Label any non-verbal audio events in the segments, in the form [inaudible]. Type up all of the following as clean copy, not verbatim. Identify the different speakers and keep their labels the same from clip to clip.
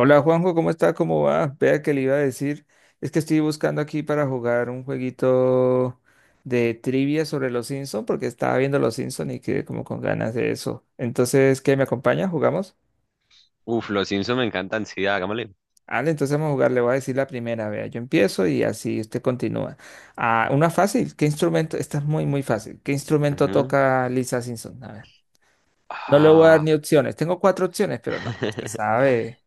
Speaker 1: Hola Juanjo, ¿cómo está? ¿Cómo va? Vea que le iba a decir, es que estoy buscando aquí para jugar un jueguito de trivia sobre los Simpson porque estaba viendo los Simpson y quedé como con ganas de eso. Entonces, ¿qué me acompaña? ¿Jugamos?
Speaker 2: Uf, los Simpsons me encantan, sí, hagámosle.
Speaker 1: Vale, entonces vamos a jugar, le voy a decir la primera, vea, yo empiezo y así usted continúa. Ah, una fácil, ¿qué instrumento? Esta es muy, muy fácil. ¿Qué instrumento
Speaker 2: Ujú.
Speaker 1: toca Lisa Simpson? A ver, no le voy a dar
Speaker 2: Ah,
Speaker 1: ni opciones, tengo cuatro opciones, pero no, usted
Speaker 2: [laughs]
Speaker 1: sabe.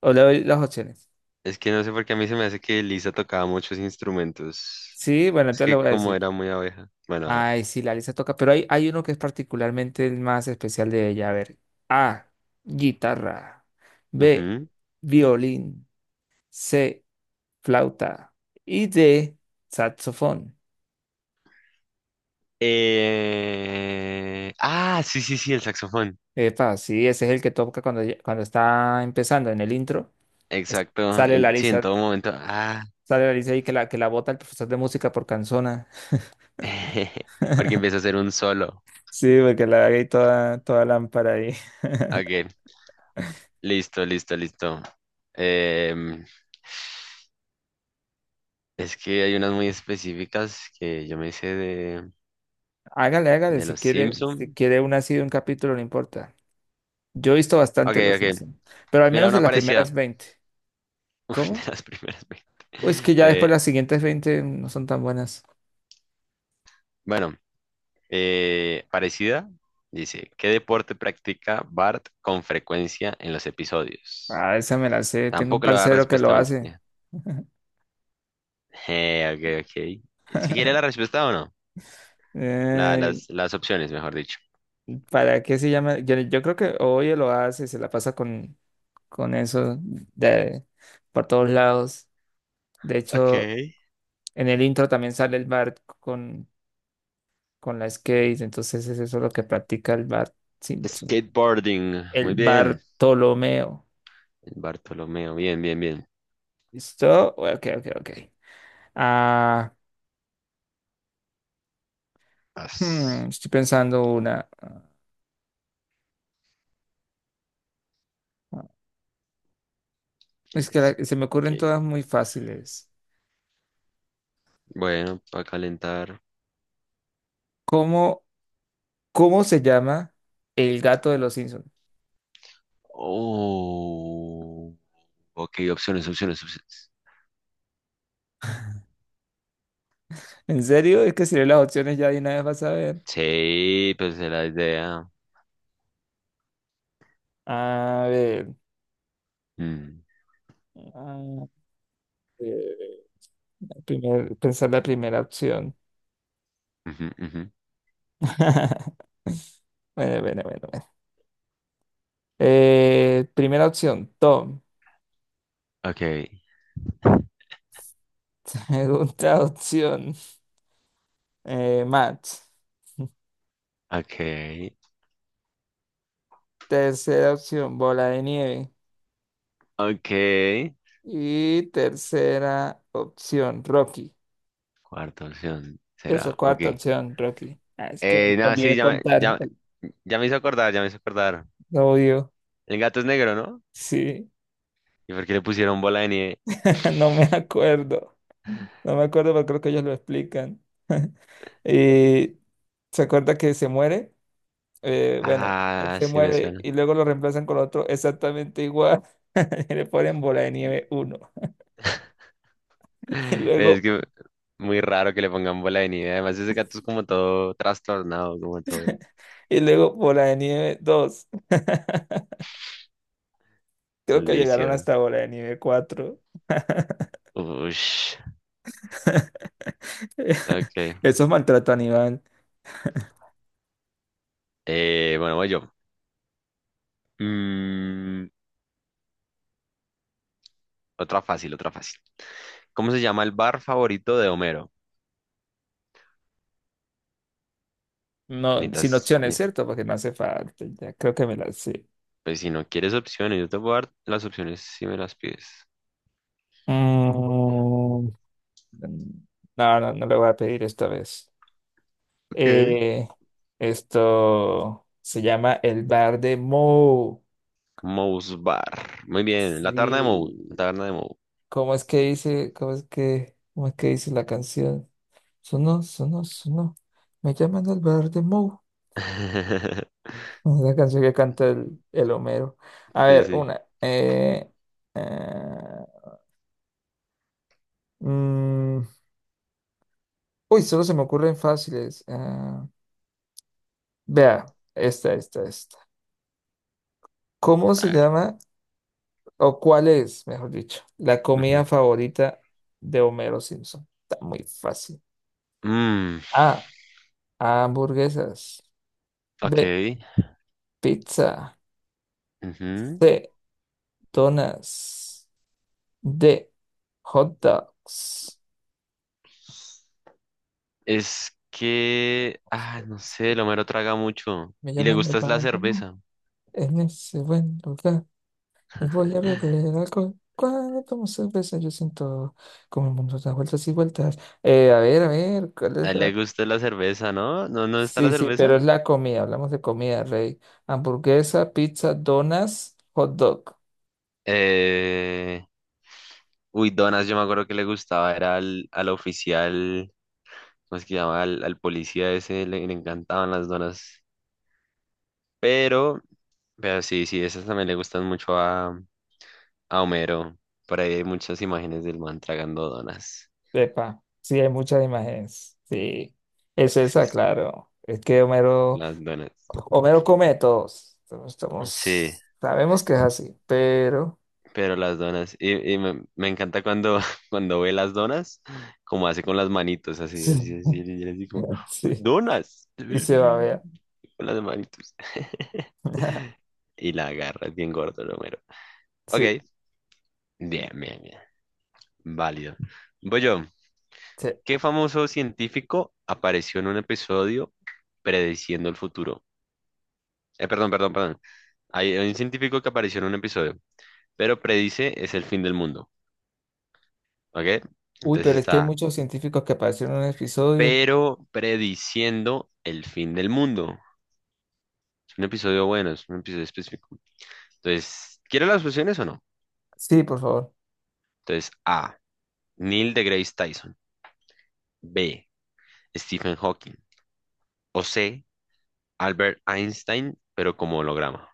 Speaker 1: O le doy las opciones.
Speaker 2: es que no sé por qué a mí se me hace que Lisa tocaba muchos instrumentos.
Speaker 1: Sí, bueno,
Speaker 2: Es
Speaker 1: entonces le
Speaker 2: que
Speaker 1: voy a
Speaker 2: como
Speaker 1: decir.
Speaker 2: era muy abeja. Bueno, a ver.
Speaker 1: Ay, sí, la lista toca, pero hay uno que es particularmente el más especial de ella. A ver, A, guitarra, B,
Speaker 2: Ujú.
Speaker 1: violín, C, flauta y D, saxofón.
Speaker 2: Sí, sí, sí, el saxofón.
Speaker 1: Epa, sí, ese es el que toca cuando está empezando en el intro. Es-
Speaker 2: Exacto.
Speaker 1: sale la
Speaker 2: Sí, en
Speaker 1: lista,
Speaker 2: todo momento. Ah,
Speaker 1: sale la lista ahí que la bota el profesor de música por canzona. [laughs]
Speaker 2: [laughs] porque empieza a hacer un solo.
Speaker 1: Sí, porque la haga ahí toda, toda lámpara ahí.
Speaker 2: Ok, listo, listo, listo. Em, es que hay unas muy específicas que yo me hice
Speaker 1: Hágale, hágale,
Speaker 2: de
Speaker 1: si
Speaker 2: los
Speaker 1: quiere, si
Speaker 2: Simpson.
Speaker 1: quiere una así de un capítulo, no importa. Yo he visto
Speaker 2: Ok,
Speaker 1: bastante Los
Speaker 2: ok.
Speaker 1: Simpsons, pero al
Speaker 2: Mira,
Speaker 1: menos de
Speaker 2: una
Speaker 1: las
Speaker 2: parecida.
Speaker 1: primeras 20.
Speaker 2: Uf, [laughs] de
Speaker 1: ¿Cómo?
Speaker 2: las primeras 20.
Speaker 1: O es que ya después
Speaker 2: Eh,
Speaker 1: las siguientes 20 no son tan buenas.
Speaker 2: bueno, parecida. Dice, ¿qué deporte practica Bart con frecuencia en los episodios?
Speaker 1: Ah, esa me la sé. Tengo un
Speaker 2: Tampoco le va a dar
Speaker 1: parcero que lo
Speaker 2: respuesta
Speaker 1: hace.
Speaker 2: multiple. [laughs] Ok, ok. ¿Es que quiere la respuesta o no?
Speaker 1: [laughs] Ey,
Speaker 2: Las opciones, mejor dicho.
Speaker 1: ¿para qué se llama? Yo creo que hoy lo hace, se la pasa con eso de, por todos lados. De
Speaker 2: Ok.
Speaker 1: hecho, en el intro también sale el Bart con la skate, entonces es eso lo que practica el Bart Simpson.
Speaker 2: Skateboarding.
Speaker 1: El
Speaker 2: Muy bien.
Speaker 1: Bartolomeo.
Speaker 2: Bartolomeo. Bien, bien, bien.
Speaker 1: ¿Listo? Ok, ok, ok. Ah,
Speaker 2: As-
Speaker 1: Estoy pensando una. Ah, Es que se me ocurren
Speaker 2: skate.
Speaker 1: todas muy fáciles.
Speaker 2: Bueno, para calentar.
Speaker 1: ¿Cómo, cómo se llama el gato de los Simpsons?
Speaker 2: Oh. Ok, opciones, opciones, opciones.
Speaker 1: ¿En serio? Es que si lees las opciones ya de una vez vas a ver.
Speaker 2: Sí, pues es la idea.
Speaker 1: A ver.
Speaker 2: Mm,
Speaker 1: A ver, pensar la primera opción.
Speaker 2: ujú, ujú.
Speaker 1: [laughs] Bueno, bueno, bueno, bueno. Primera opción, Tom.
Speaker 2: Ok,
Speaker 1: [laughs] Segunda opción, Matt.
Speaker 2: ok,
Speaker 1: Tercera opción, bola de nieve.
Speaker 2: ok.
Speaker 1: Y tercera opción, Rocky.
Speaker 2: Cuarta opción será.
Speaker 1: Eso,
Speaker 2: Ok.
Speaker 1: cuarta opción, Rocky. Ah, es que me
Speaker 2: No, sí,
Speaker 1: olvidé contar,
Speaker 2: ya, ya me hizo acordar, ya me hizo acordar.
Speaker 1: lo odio.
Speaker 2: El gato es negro, ¿no?
Speaker 1: Sí,
Speaker 2: ¿Y por qué le pusieron bola de nieve?
Speaker 1: [laughs] no
Speaker 2: [laughs]
Speaker 1: me acuerdo. No me acuerdo, pero creo que ellos lo explican. [laughs] Y se acuerda que se muere. Bueno, él
Speaker 2: Ah,
Speaker 1: se
Speaker 2: sí me
Speaker 1: muere
Speaker 2: suena.
Speaker 1: y luego lo reemplazan con otro exactamente igual. [laughs] Y le ponen bola de nieve uno.
Speaker 2: [laughs]
Speaker 1: [laughs] Y
Speaker 2: Es
Speaker 1: luego,
Speaker 2: que muy raro que le pongan bola de nieve. Además, ese gato es como todo trastornado, como todo
Speaker 1: y luego bola de nieve dos. Creo que llegaron
Speaker 2: maldición.
Speaker 1: hasta bola de nieve cuatro.
Speaker 2: Ush.
Speaker 1: [laughs] [laughs]
Speaker 2: Ok.
Speaker 1: Eso es maltrato animal.
Speaker 2: Bueno, voy yo. Mm, otra fácil, otra fácil. ¿Cómo se llama el bar favorito de Homero?
Speaker 1: No, sin
Speaker 2: Necesitas,
Speaker 1: opciones,
Speaker 2: ne-
Speaker 1: ¿cierto? Porque no hace falta. Ya creo que me la sé.
Speaker 2: pues si no quieres opciones, yo te puedo dar las opciones si me las pides.
Speaker 1: Mm, no, no, no le voy a pedir esta vez.
Speaker 2: Ok.
Speaker 1: Eh, Esto se llama el bar de Mo.
Speaker 2: Moe's Bar. Muy bien, la taberna de Moe.
Speaker 1: Sí.
Speaker 2: La taberna de Moe.
Speaker 1: ¿Cómo es que dice? ¿Cómo es que dice la canción? Sonó, sonó, sonó. Me llaman el bar de Mo. [laughs]
Speaker 2: [laughs]
Speaker 1: Es la canción que canta el Homero. A
Speaker 2: Sí,
Speaker 1: ver,
Speaker 2: sí.
Speaker 1: una. Eh, Mm, Uy, solo se me ocurren fáciles. Vea, esta, esta, esta. ¿Cómo
Speaker 2: A
Speaker 1: se
Speaker 2: ver.
Speaker 1: llama o cuál es, mejor dicho, la comida
Speaker 2: Ujú.
Speaker 1: favorita de Homero Simpson? Está muy fácil.
Speaker 2: Mm,
Speaker 1: A, hamburguesas.
Speaker 2: ok.
Speaker 1: B, pizza.
Speaker 2: Ujú.
Speaker 1: C, donas. D, hot dogs.
Speaker 2: No sé, el Homero traga mucho.
Speaker 1: Me
Speaker 2: Y le
Speaker 1: llaman el
Speaker 2: gusta es la
Speaker 1: vagabundo
Speaker 2: cerveza.
Speaker 1: en ese buen lugar. Voy a beber alcohol. Cuando tomo cerveza, yo siento como el mundo da vueltas y vueltas. A ver, a ver, ¿cuál
Speaker 2: A
Speaker 1: es
Speaker 2: él le
Speaker 1: la?
Speaker 2: gusta la cerveza, ¿no? ¿No, no está la
Speaker 1: Sí, sí, pero
Speaker 2: cerveza?
Speaker 1: es la comida. Hablamos de comida, rey. Hamburguesa, pizza, donas, hot dog.
Speaker 2: Eh... Uy, donas, yo me acuerdo que le gustaba, era al oficial, ¿cómo es que llama? Al policía ese, le encantaban las donas. Pero, pero sí, sí, esas también le gustan mucho a Homero. Por ahí hay muchas imágenes del man tragando donas.
Speaker 1: Epa, sí, hay muchas imágenes. Sí, es
Speaker 2: Sí,
Speaker 1: esa, claro. Es que Homero,
Speaker 2: las donas.
Speaker 1: Homero come de todos.
Speaker 2: Sí,
Speaker 1: Sabemos que es así, pero
Speaker 2: pero las donas. Y me encanta cuando, [laughs] cuando ve las donas, como hace con las manitos, así,
Speaker 1: sí,
Speaker 2: así, así, y así como,
Speaker 1: [laughs] sí,
Speaker 2: donas. [laughs]
Speaker 1: y se va a ver.
Speaker 2: Con las manitos. [laughs]
Speaker 1: [laughs]
Speaker 2: Y la agarra, es bien gordo el Homero. Ok,
Speaker 1: Sí,
Speaker 2: bien, bien, bien. Válido. Voy yo.
Speaker 1: sí.
Speaker 2: ¿Qué famoso científico apareció en un episodio prediciendo el futuro? Perdón, perdón, perdón. Hay un científico que apareció en un episodio, pero predice es el fin del mundo. ¿Ok?
Speaker 1: Uy,
Speaker 2: Entonces
Speaker 1: pero es que hay
Speaker 2: está,
Speaker 1: muchos científicos que aparecieron en un episodio.
Speaker 2: pero prediciendo el fin del mundo. Es un episodio bueno, es un episodio específico. Entonces, ¿quiere las opciones o no?
Speaker 1: Sí, por favor.
Speaker 2: Entonces, A. Neil deGrasse Tyson. B. Stephen Hawking. O C. Albert Einstein, pero como holograma.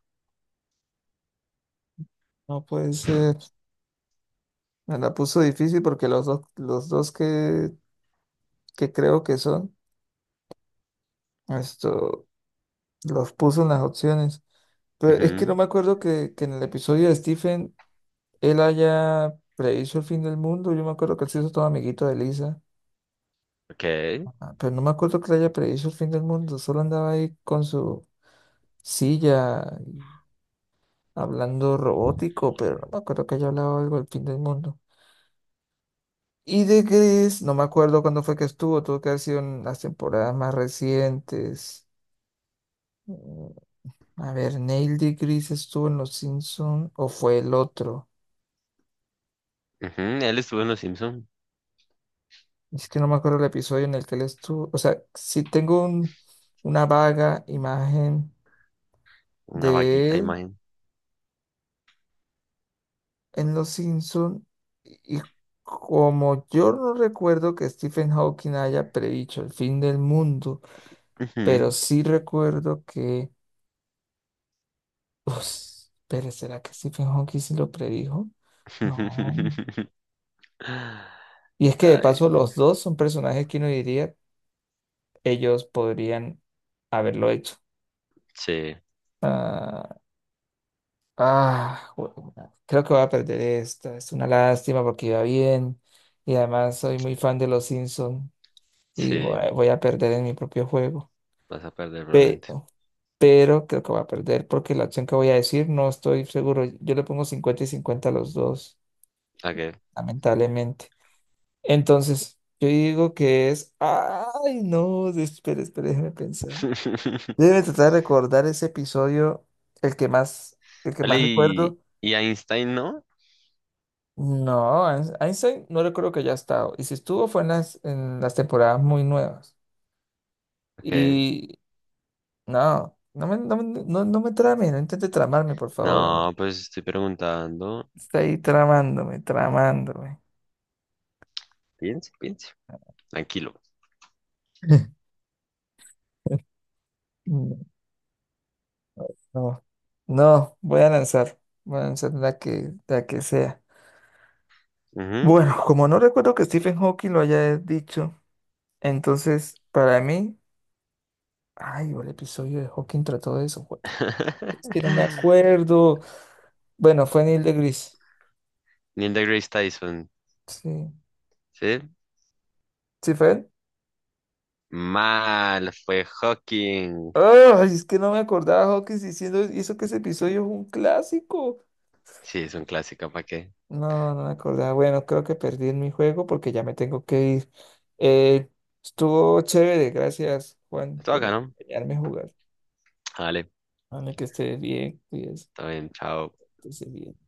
Speaker 1: No puede ser. Me la puso difícil porque los dos que creo que son, esto, los puso en las opciones. Pero es que no
Speaker 2: Ujú.
Speaker 1: me acuerdo que en el episodio de Stephen él haya predicho el fin del mundo. Yo me acuerdo que él se hizo todo amiguito de Lisa.
Speaker 2: Ok.
Speaker 1: Pero no me acuerdo que le haya predicho el fin del mundo. Solo andaba ahí con su silla hablando robótico, pero no me acuerdo que haya hablado algo del fin del mundo. Y de Gris, no me acuerdo cuándo fue que estuvo, tuvo que haber sido en las temporadas más recientes. Mm, A ver, Neil de Gris estuvo en Los Simpsons o fue el otro.
Speaker 2: Ujú. Él estuvo en Los Simpson.
Speaker 1: Es que no me acuerdo el episodio en el que él estuvo. O sea, si tengo una vaga imagen
Speaker 2: Una
Speaker 1: de
Speaker 2: vaguita
Speaker 1: él
Speaker 2: imagen.
Speaker 1: en Los Simpsons y como yo no recuerdo que Stephen Hawking haya predicho el fin del mundo, pero
Speaker 2: Ujú.
Speaker 1: sí recuerdo que. Ups, pero ¿será que Stephen Hawking sí lo predijo? No.
Speaker 2: [laughs]
Speaker 1: Y es que de
Speaker 2: Ay,
Speaker 1: paso los dos son personajes que uno diría ellos podrían haberlo hecho.
Speaker 2: sí,
Speaker 1: Ah, ah, jue- Creo que voy a perder esta. Es una lástima porque iba bien. Y además soy muy fan de los Simpsons y voy
Speaker 2: sí.
Speaker 1: a voy a perder en mi propio juego.
Speaker 2: Vas a perder probablemente.
Speaker 1: Pero, pero creo que voy a perder porque la opción que voy a decir no estoy seguro. Yo le pongo 50 y 50 a los dos,
Speaker 2: Ok.
Speaker 1: lamentablemente. Entonces, yo digo que es. Ay, no, espera, espera, déjame pensar.
Speaker 2: [laughs]
Speaker 1: Yo debe tratar de recordar ese episodio, el que más, el que
Speaker 2: Vale,
Speaker 1: más recuerdo.
Speaker 2: y Einstein, ¿no?
Speaker 1: No, Einstein no recuerdo que haya estado. Y si estuvo fue en las temporadas muy nuevas.
Speaker 2: Ok.
Speaker 1: Y no me trame, no intente tramarme, por favor, amigo.
Speaker 2: No, pues estoy preguntando.
Speaker 1: Está ahí tramándome, tramándome.
Speaker 2: Piense, piense. Tranquilo.
Speaker 1: [laughs] No, no, voy a lanzar. Voy a lanzar la que sea.
Speaker 2: Ujú.
Speaker 1: Bueno, como no recuerdo que Stephen Hawking lo haya dicho, entonces para mí, ay, el episodio de Hawking trató de eso. Es que no me
Speaker 2: [laughs]
Speaker 1: acuerdo. Bueno, fue Neil deGrasse.
Speaker 2: Neil deGrasse Tyson.
Speaker 1: Sí,
Speaker 2: ¿Sí?
Speaker 1: sí fue él.
Speaker 2: Mal, fue Hawking.
Speaker 1: Ay, es que no me acordaba Hawking diciendo hizo que ese episodio es un clásico.
Speaker 2: Sí, es un clásico, ¿para qué?
Speaker 1: No, no me acordaba. Bueno, creo que perdí en mi juego porque ya me tengo que ir. Eh, Estuvo chévere, gracias Juan
Speaker 2: Estuvo
Speaker 1: por
Speaker 2: acá, ¿no?
Speaker 1: acompañarme a jugar.
Speaker 2: Vale,
Speaker 1: Dame que esté bien, cuídese,
Speaker 2: está bien, chao.
Speaker 1: que esté bien.